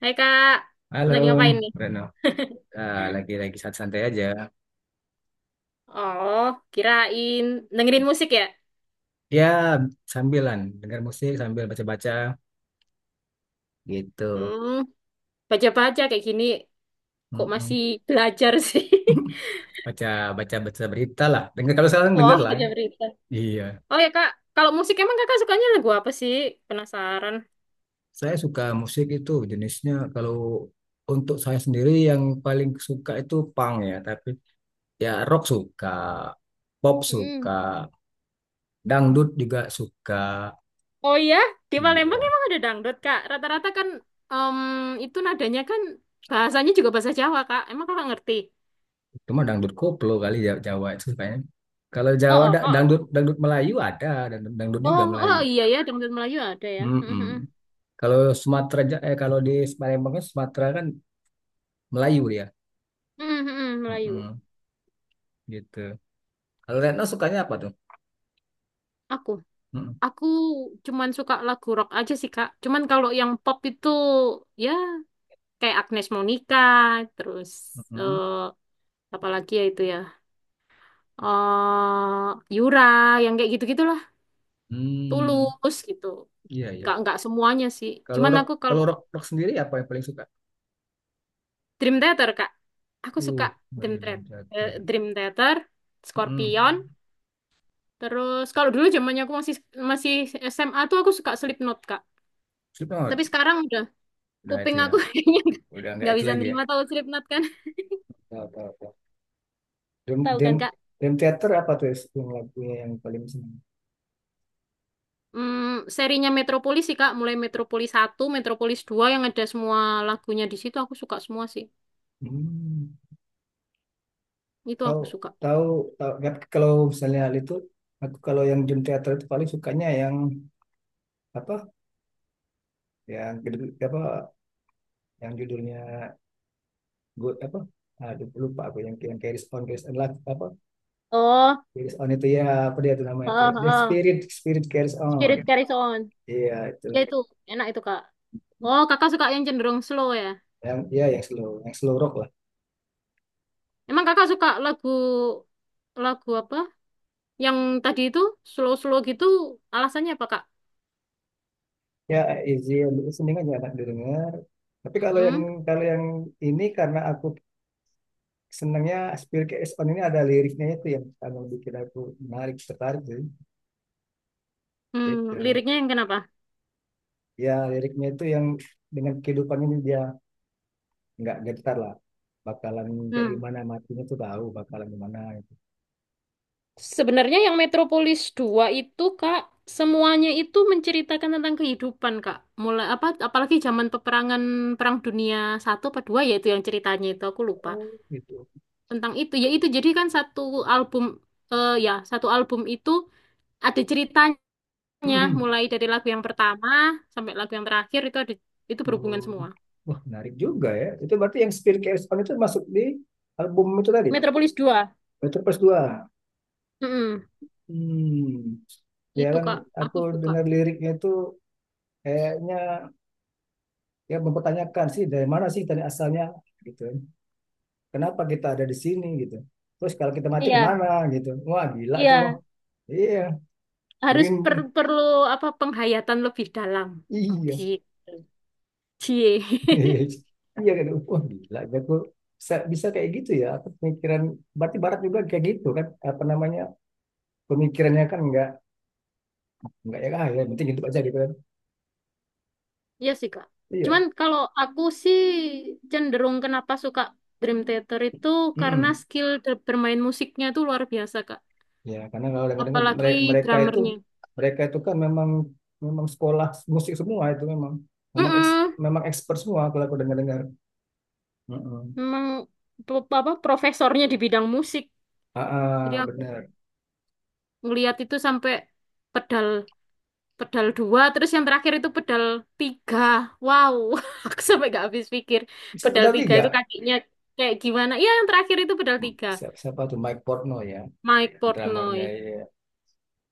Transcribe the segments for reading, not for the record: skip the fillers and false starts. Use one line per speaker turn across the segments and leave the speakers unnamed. Hai Kak,
Halo,
lagi ngapain nih?
Reno. Ah, lagi-lagi santai aja.
Oh, kirain dengerin musik ya?
Ya, sambilan dengar musik sambil baca-baca gitu.
Hmm, baca-baca kayak gini kok
Mm-mm.
masih belajar sih.
Baca baca baca berita lah. Dengar kalau sekarang dengar
Wah,
lah ya.
baca berita.
Iya.
Oh ya Kak, kalau musik emang Kakak sukanya lagu apa sih? Penasaran.
Saya suka musik itu jenisnya kalau untuk saya sendiri yang paling suka itu punk ya, tapi ya rock suka, pop suka,
Mm.
dangdut juga suka.
Oh iya, di Palembang
Iya.
emang ada dangdut Kak. Rata-rata kan em, itu nadanya kan bahasanya juga bahasa Jawa Kak. Emang Kakak ngerti?
Cuma dangdut koplo kali Jawa itu kayaknya. Kalau Jawa
Oh, oh,
da-
oh.
dangdut dangdut Melayu ada, dangdut juga
Oh, oh
Melayu.
iya ya, dangdut Melayu ada ya.
Mm-mm. Kalau Sumatera kalau di Palembang kan Sumatera kan Melayu dia.
Hmm, hmm, hmm, Melayu.
Mm-mm. Gitu. Kalau Retno sukanya apa tuh?
Aku.
Mm-mm.
Aku cuman suka lagu rock aja sih, Kak. Cuman kalau yang pop itu ya kayak Agnes Monica, terus
Mm-mm.
eh apa lagi ya itu ya? eh Yura yang kayak gitu-gitulah.
Hmm.
Tulus gitu.
Iya, iya.
Nggak semuanya sih. Cuman aku kalau
Kalau rock rock sendiri apa yang paling suka?
Dream Theater, Kak. Aku suka
Uh,
Dream
Marillion Jagger.
Theater, Dream Theater,
Mm-mm.
Scorpion, terus kalau dulu zamannya aku masih masih SMA tuh aku suka Slipknot, Kak. Tapi
Slipknot.
sekarang udah.
Udah itu
Kuping
ya.
aku kayaknya
Udah nggak
nggak
itu
bisa
lagi ya.
nerima, tahu Slipknot kan?
Tahu, tahu, tahu. Dream
Tahu
Dream
kan Kak?
Dream Theater apa tuh yang lagunya yang paling seneng?
Hmm, serinya Metropolis sih Kak, mulai Metropolis satu, Metropolis dua yang ada semua lagunya di situ aku suka semua sih.
Hmm.
Itu
Tahu,
aku suka.
tahu, tahu kan. Kalau misalnya hal itu, aku kalau yang genre teater itu paling sukanya yang apa, yang judul- apa yang judulnya good apa, aduh lupa aku, yang carries on carries on lah apa,
Oh,
carries on itu ya, apa dia itu namanya itu,
heeh,
the
heeh.
spirit spirit carries on,
Spirit Carries On.
iya itu.
Iya itu enak itu Kak. Oh, Kakak suka yang cenderung slow ya.
Yang ya yang slow rock lah.
Emang Kakak suka lagu lagu apa? Yang tadi itu slow-slow gitu alasannya apa Kak?
Ya, easy listening aja, enak didengar. Tapi kalau yang
Mm-mm.
kalau yang ini karena aku senangnya Spill Carries On. Ini ada liriknya itu yang kalau bikin aku tertarik sih
Hmm,
gitu.
liriknya yang kenapa?
Ya, liriknya itu yang dengan kehidupan ini, dia nggak getar lah, bakalan kayak
Hmm.
gimana matinya tuh tahu bakalan gimana gitu.
Sebenarnya yang Metropolis dua itu Kak, semuanya itu menceritakan tentang kehidupan Kak. Mulai apa apalagi zaman peperangan Perang Dunia satu apa dua, yaitu yang ceritanya itu aku lupa.
Oh gitu.
Tentang itu ya itu jadi kan satu album ya satu album itu ada ceritanya
Mm-mm.
mulai dari lagu yang pertama sampai lagu yang terakhir itu ada, itu berhubungan
Oh,
semua.
wah menarik juga ya, itu berarti yang Spill Carries On itu masuk di album itu tadi.
Metropolis dua.
Metropolis 2.
Mm-mm.
Hmm, ya
Itu
kan.
Kak,
Aku
aku suka.
dengar liriknya itu kayaknya, ya mempertanyakan sih dari mana sih tadi asalnya gitu, kenapa kita ada di sini gitu, terus kalau kita mati
Iya,
kemana gitu. Wah gila itu, wah
iya.
iya
Harus
berin.
perlu apa penghayatan lebih dalam
Iya.
gitu. Cie.
Iya gitu, wah gila gitu. Aku bisa kayak gitu ya, aku pemikiran berarti barat juga kayak gitu kan, apa namanya, pemikirannya kan nggak ya ya penting hidup aja gitu kan.
Iya sih, Kak.
Iya.
Cuman kalau aku sih cenderung kenapa suka Dream Theater itu karena
Mm-mm.
skill bermain musiknya itu luar biasa, Kak.
Ya karena kalau dengar-dengar
Apalagi
mereka itu
drummernya.
mereka itu kan memang memang sekolah musik semua itu memang memang eks-
Mm-mm.
memang expert semua kalau aku dengar-dengar. Mm-mm.
Memang apa profesornya di bidang musik. Jadi
Ah, ah,
aku
benar.
ngelihat itu sampai pedal pedal dua, terus yang terakhir itu pedal tiga. Wow. Aku sampai nggak habis pikir
Bisa
pedal
berarti
tiga
nggak.
itu kakinya kayak gimana. Ya, yang terakhir itu pedal tiga.
Siapa tuh, Mike Portno ya,
Mike
drummernya
Portnoy
ya.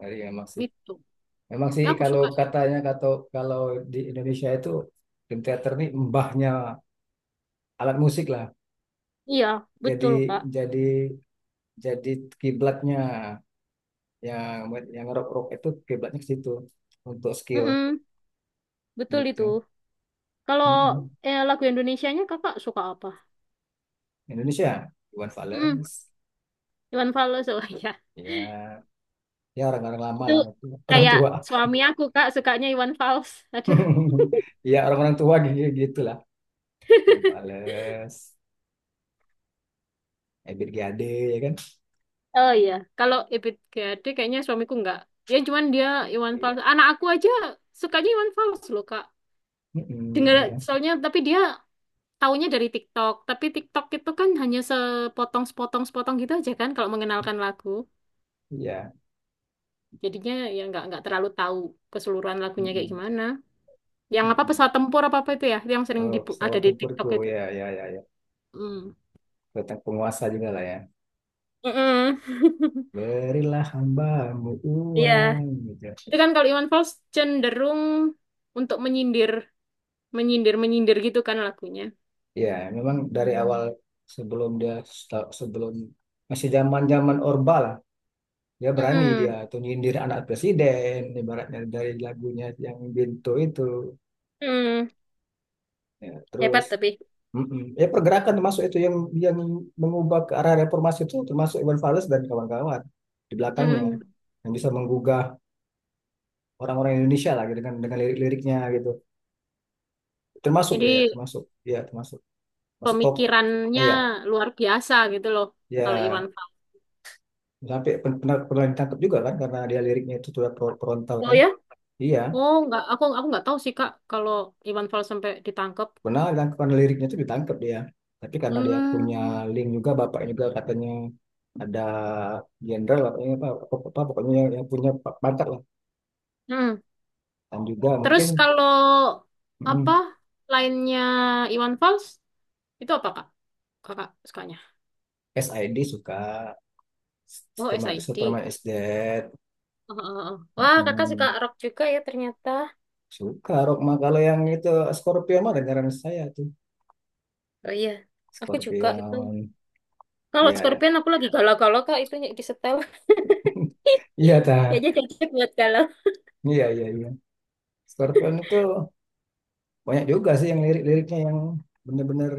Dari emang sih,
itu
memang sih
ya, aku
kalau
suka sih.
katanya, kalau kalau di Indonesia itu film teater nih mbahnya alat musik lah.
Iya betul
jadi
Kak.
jadi jadi kiblatnya yang rock rock itu kiblatnya ke situ untuk skill
Mm-mm, betul
gitu.
itu. Kalau
Mm-mm.
lagu Indonesianya kakak suka apa?
Indonesia, Iwan
Mm.
Fals.
Iwan Fals, oh iya.
Ya, ya, orang-orang lama
Itu
lah, orang tua. Orang
kayak
tua.
suami aku Kak sukanya Iwan Fals, aduh.
Ya, orang-orang tua gitu gitulah. Iwan Fals, Ebit G Ade, ya kan?
Oh iya, kalau Ebit GAD kayaknya suamiku nggak. Ya cuman dia Iwan
Iya.
Fals. Anak aku aja sukanya Iwan Fals loh, Kak. Dengar
Mm-mm, iya.
soalnya, tapi dia taunya dari TikTok. Tapi TikTok itu kan hanya sepotong-sepotong-sepotong gitu aja kan kalau mengenalkan lagu.
Iya.
Jadinya ya nggak terlalu tahu keseluruhan lagunya kayak
Mm-mm,
gimana. Yang apa
mm-mm.
pesawat tempur apa apa itu ya, yang sering
Oh,
ada
pesawat
di TikTok
tempurku.
itu.
Ya, ya, ya, ya.
Hmm.
Tentang penguasa juga lah ya.
Mm-mm.
Berilah hambamu
Iya,
uang gitu.
itu kan kalau Iwan Fals cenderung untuk menyindir, menyindir, menyindir gitu kan lagunya.
Ya, memang dari awal, sebelum dia sebelum masih zaman-zaman Orba lah, dia berani, dia
Mm-mm.
tuh nyindir anak presiden ibaratnya dari lagunya yang Bintu itu.
Mm.
Ya, terus.
Hebat tapi.
Mm-mm. Ya pergerakan termasuk itu yang yang mengubah ke arah reformasi itu, termasuk Iwan Fals dan kawan-kawan di belakangnya,
Mm.
yang bisa menggugah orang-orang Indonesia lagi dengan lirik-liriknya gitu. Termasuk
Jadi
deh ya, termasuk. Ya, termasuk. Masuk top. Ah,
pemikirannya
ya,
luar biasa gitu loh kalau Iwan
ya
Fals.
sampai pen- pernah pernah ditangkap juga kan, karena dia liriknya itu sudah frontal
Oh
kan.
ya?
Iya,
Oh, nggak, aku nggak tahu sih Kak kalau Iwan Fals sampai ditangkap.
pernah ditangkap karena liriknya itu, ditangkap dia. Tapi karena dia punya
Hmm.
link juga, bapaknya juga katanya ada jenderal apa pokoknya, yang punya pangkat lah.
Hmm.
Dan juga
Terus
mungkin
kalau apa
mm,
lainnya Iwan Fals itu apa Kak? Kakak sukanya?
SID suka,
Oh,
Superman,
SID.
Superman is Dead,
Oh, oh, oh. Wah, Kakak suka
mm,
rock juga ya ternyata.
suka Rockma. Kalau yang itu Scorpion mah dengaran saya tuh.
Oh iya. Aku juga itu.
Scorpion,
Kalau
ya,
Scorpion aku lagi galau-galau Kak itunya di setel.
iya ta,
Kayaknya cocok buat galau.
iya, iya, iya. Scorpion itu banyak juga sih yang lirik-liriknya yang bener-bener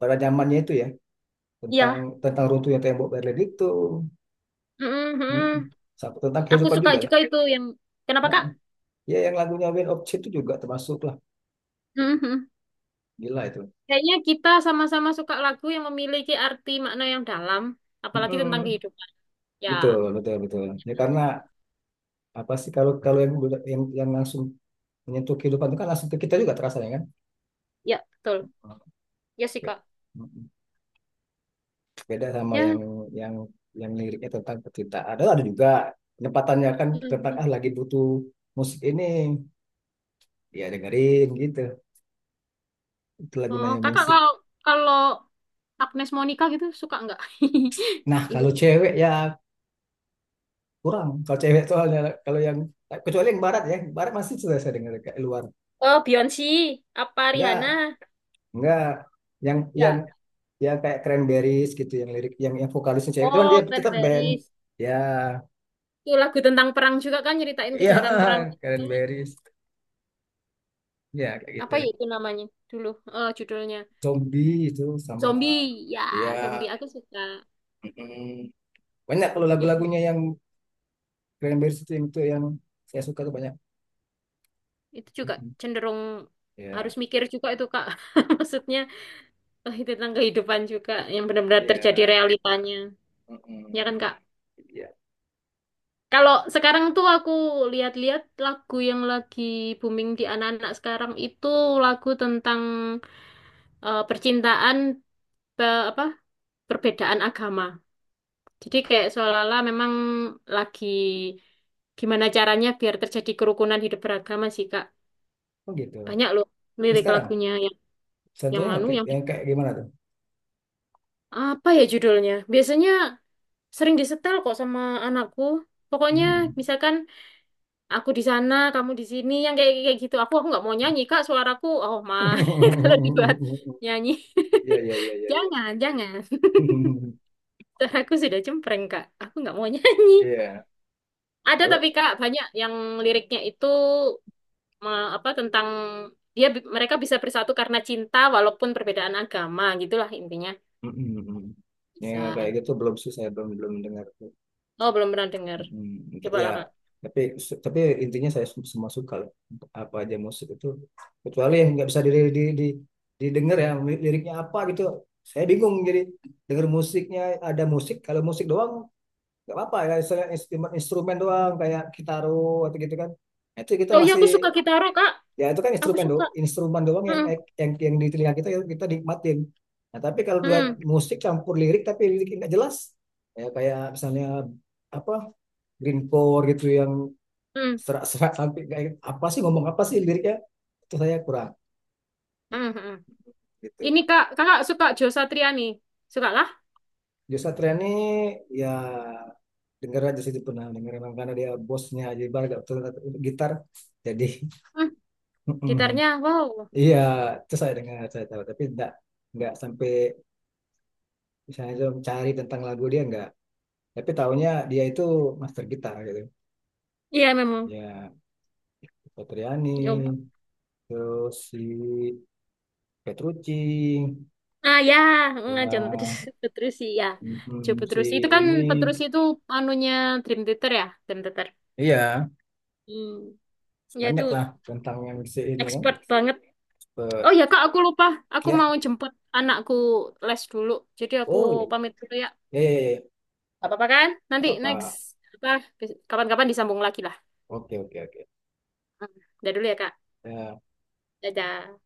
pada zamannya itu ya, tentang
Ya,
tentang runtuhnya tembok Berlin itu.
mm,
Mm-mm.
mm.
Sama- tentang
Aku
kehidupan
suka
juga lah.
juga itu yang kenapa
Nah,
Kak?
ya yang lagunya Wind of Change itu juga termasuk lah,
Mm, mm.
gila itu.
Kayaknya kita sama-sama suka lagu yang memiliki arti makna yang dalam, apalagi tentang
Mm-mm.
kehidupan. Ya,
Betul, betul, betul. Ya karena apa sih, kalau kalau yang yang langsung menyentuh kehidupan itu kan langsung ke kita juga terasa ya kan?
ya betul. Ya sih
Be-
Kak.
Beda sama
Ya.
yang yang yang liriknya tentang cerita. Ada juga, penempatannya kan
Mm,
tentang
mm.
ah lagi butuh musik ini, ya dengerin gitu. Itulah
Oh,
gunanya
Kakak
musik.
kalau kalau Agnes Monica gitu suka nggak?
Nah,
Itu.
kalau cewek ya kurang. Kalau cewek soalnya, kalau yang kecuali yang barat ya, barat masih sudah saya dengar kayak luar.
Oh, Beyonce, apa
Enggak,
Rihanna?
enggak. Yang
Ya.
ya kayak Cranberries gitu, yang lirik yang vokalisnya cewek, cuman dia
Oh,
tetap band
Cranberries.
ya
Itu lagu tentang perang juga kan, nyeritain
ya.
kejahatan perang.
Cranberries, ya kayak gitu.
Apa ya itu namanya dulu, judulnya
Zombie itu, sama
zombie ya
ya.
zombie aku suka
Mm, banyak kalau
itu.
lagu-lagunya yang Cranberries itu yang saya suka tuh banyak.
Itu juga
Mm,
cenderung harus
ya,
mikir juga itu kak. Maksudnya itu tentang kehidupan juga yang benar-benar terjadi
ya,
realitanya,
mm,
ya kan kak?
ya.
Kalau sekarang tuh aku lihat-lihat lagu yang lagi booming di anak-anak sekarang itu lagu tentang percintaan, apa perbedaan agama. Jadi kayak seolah-olah memang lagi gimana caranya biar terjadi kerukunan hidup beragama sih, Kak.
Oh gitu.
Banyak loh
Yang
lirik
sekarang
lagunya yang
contohnya yang
anu
kayak,
yang
yang kayak gimana tuh.
apa ya judulnya? Biasanya sering disetel kok sama anakku. Pokoknya
Mm.
misalkan aku di sana, kamu di sini, yang kayak kayak gitu. Aku nggak mau nyanyi, Kak. Suaraku oh ma kalau dibuat nyanyi.
Ya, ya, ya, ya, ya.
Jangan, jangan. Suaraku sudah cempreng, Kak. Aku nggak mau nyanyi.
Iya,
Ada
kalau.
tapi Kak, banyak yang liriknya itu apa tentang dia mereka bisa bersatu karena cinta walaupun perbedaan agama gitulah intinya
Mm-mm, mm-mm. Ya,
bisa.
kayak gitu belum sih, saya belum belum dengar.
Oh belum pernah dengar,
Mm-mm.
coba
Ya,
lah kak.
tapi intinya saya semua suka lah, untuk apa aja musik itu, kecuali yang nggak bisa di, di, didengar ya liriknya apa gitu. Saya bingung jadi denger musiknya. Ada musik, kalau musik doang nggak apa-apa ya, misalnya instrumen instrumen doang kayak Kitaro atau gitu kan. Itu kita
Oh iya aku suka
masih.
kitaro kak,
Ya itu kan
aku
instrumen do
suka.
instrumen doang yang
Hmm,
eh, yang di telinga kita yang kita nikmatin. Nah tapi kalau udah
hmm,
musik campur lirik tapi liriknya nggak jelas, ya kayak misalnya apa grindcore gitu yang
hmm,
serak-serak, sampai kayak apa sih ngomong apa sih liriknya, itu saya kurang
hmm, hmm.
gitu.
Ini kak kakak suka Jo Satriani, suka lah.
Joshua Trian ini ya, denger aja sih, itu pernah denger emang karena dia bosnya, jadi bar gak betul gitar jadi.
Hmm. Gitarnya wow.
Iya, itu saya dengar, saya tahu tapi enggak, nggak sampai misalnya saya mencari tentang lagu dia nggak. Tapi tahunya dia itu master gitar gitu.
Iya memang.
Ya, Petriani,
Jo,
terus si Petrucci,
ah ya. Hmm, John
ya,
Petrucci ya. Jo
mm, si
Petrucci itu kan
ini,
Petrucci itu anunya Dream Theater ya Dream Theater.
iya.
Hmm. Ya itu
Banyak lah tentang yang si ini kan.
expert banget.
Pe-
Oh ya Kak, aku lupa. Aku
Ya,
mau jemput anakku les dulu. Jadi aku
oh ya,
pamit dulu ya.
ya, ya, ya.
Gak apa-apa kan?
Gak
Nanti next
apa-apa.
apa kapan-kapan disambung lagi lah.
Oke, oke, oke.
Hmm. Udah dulu ya Kak.
Ya.
Dadah.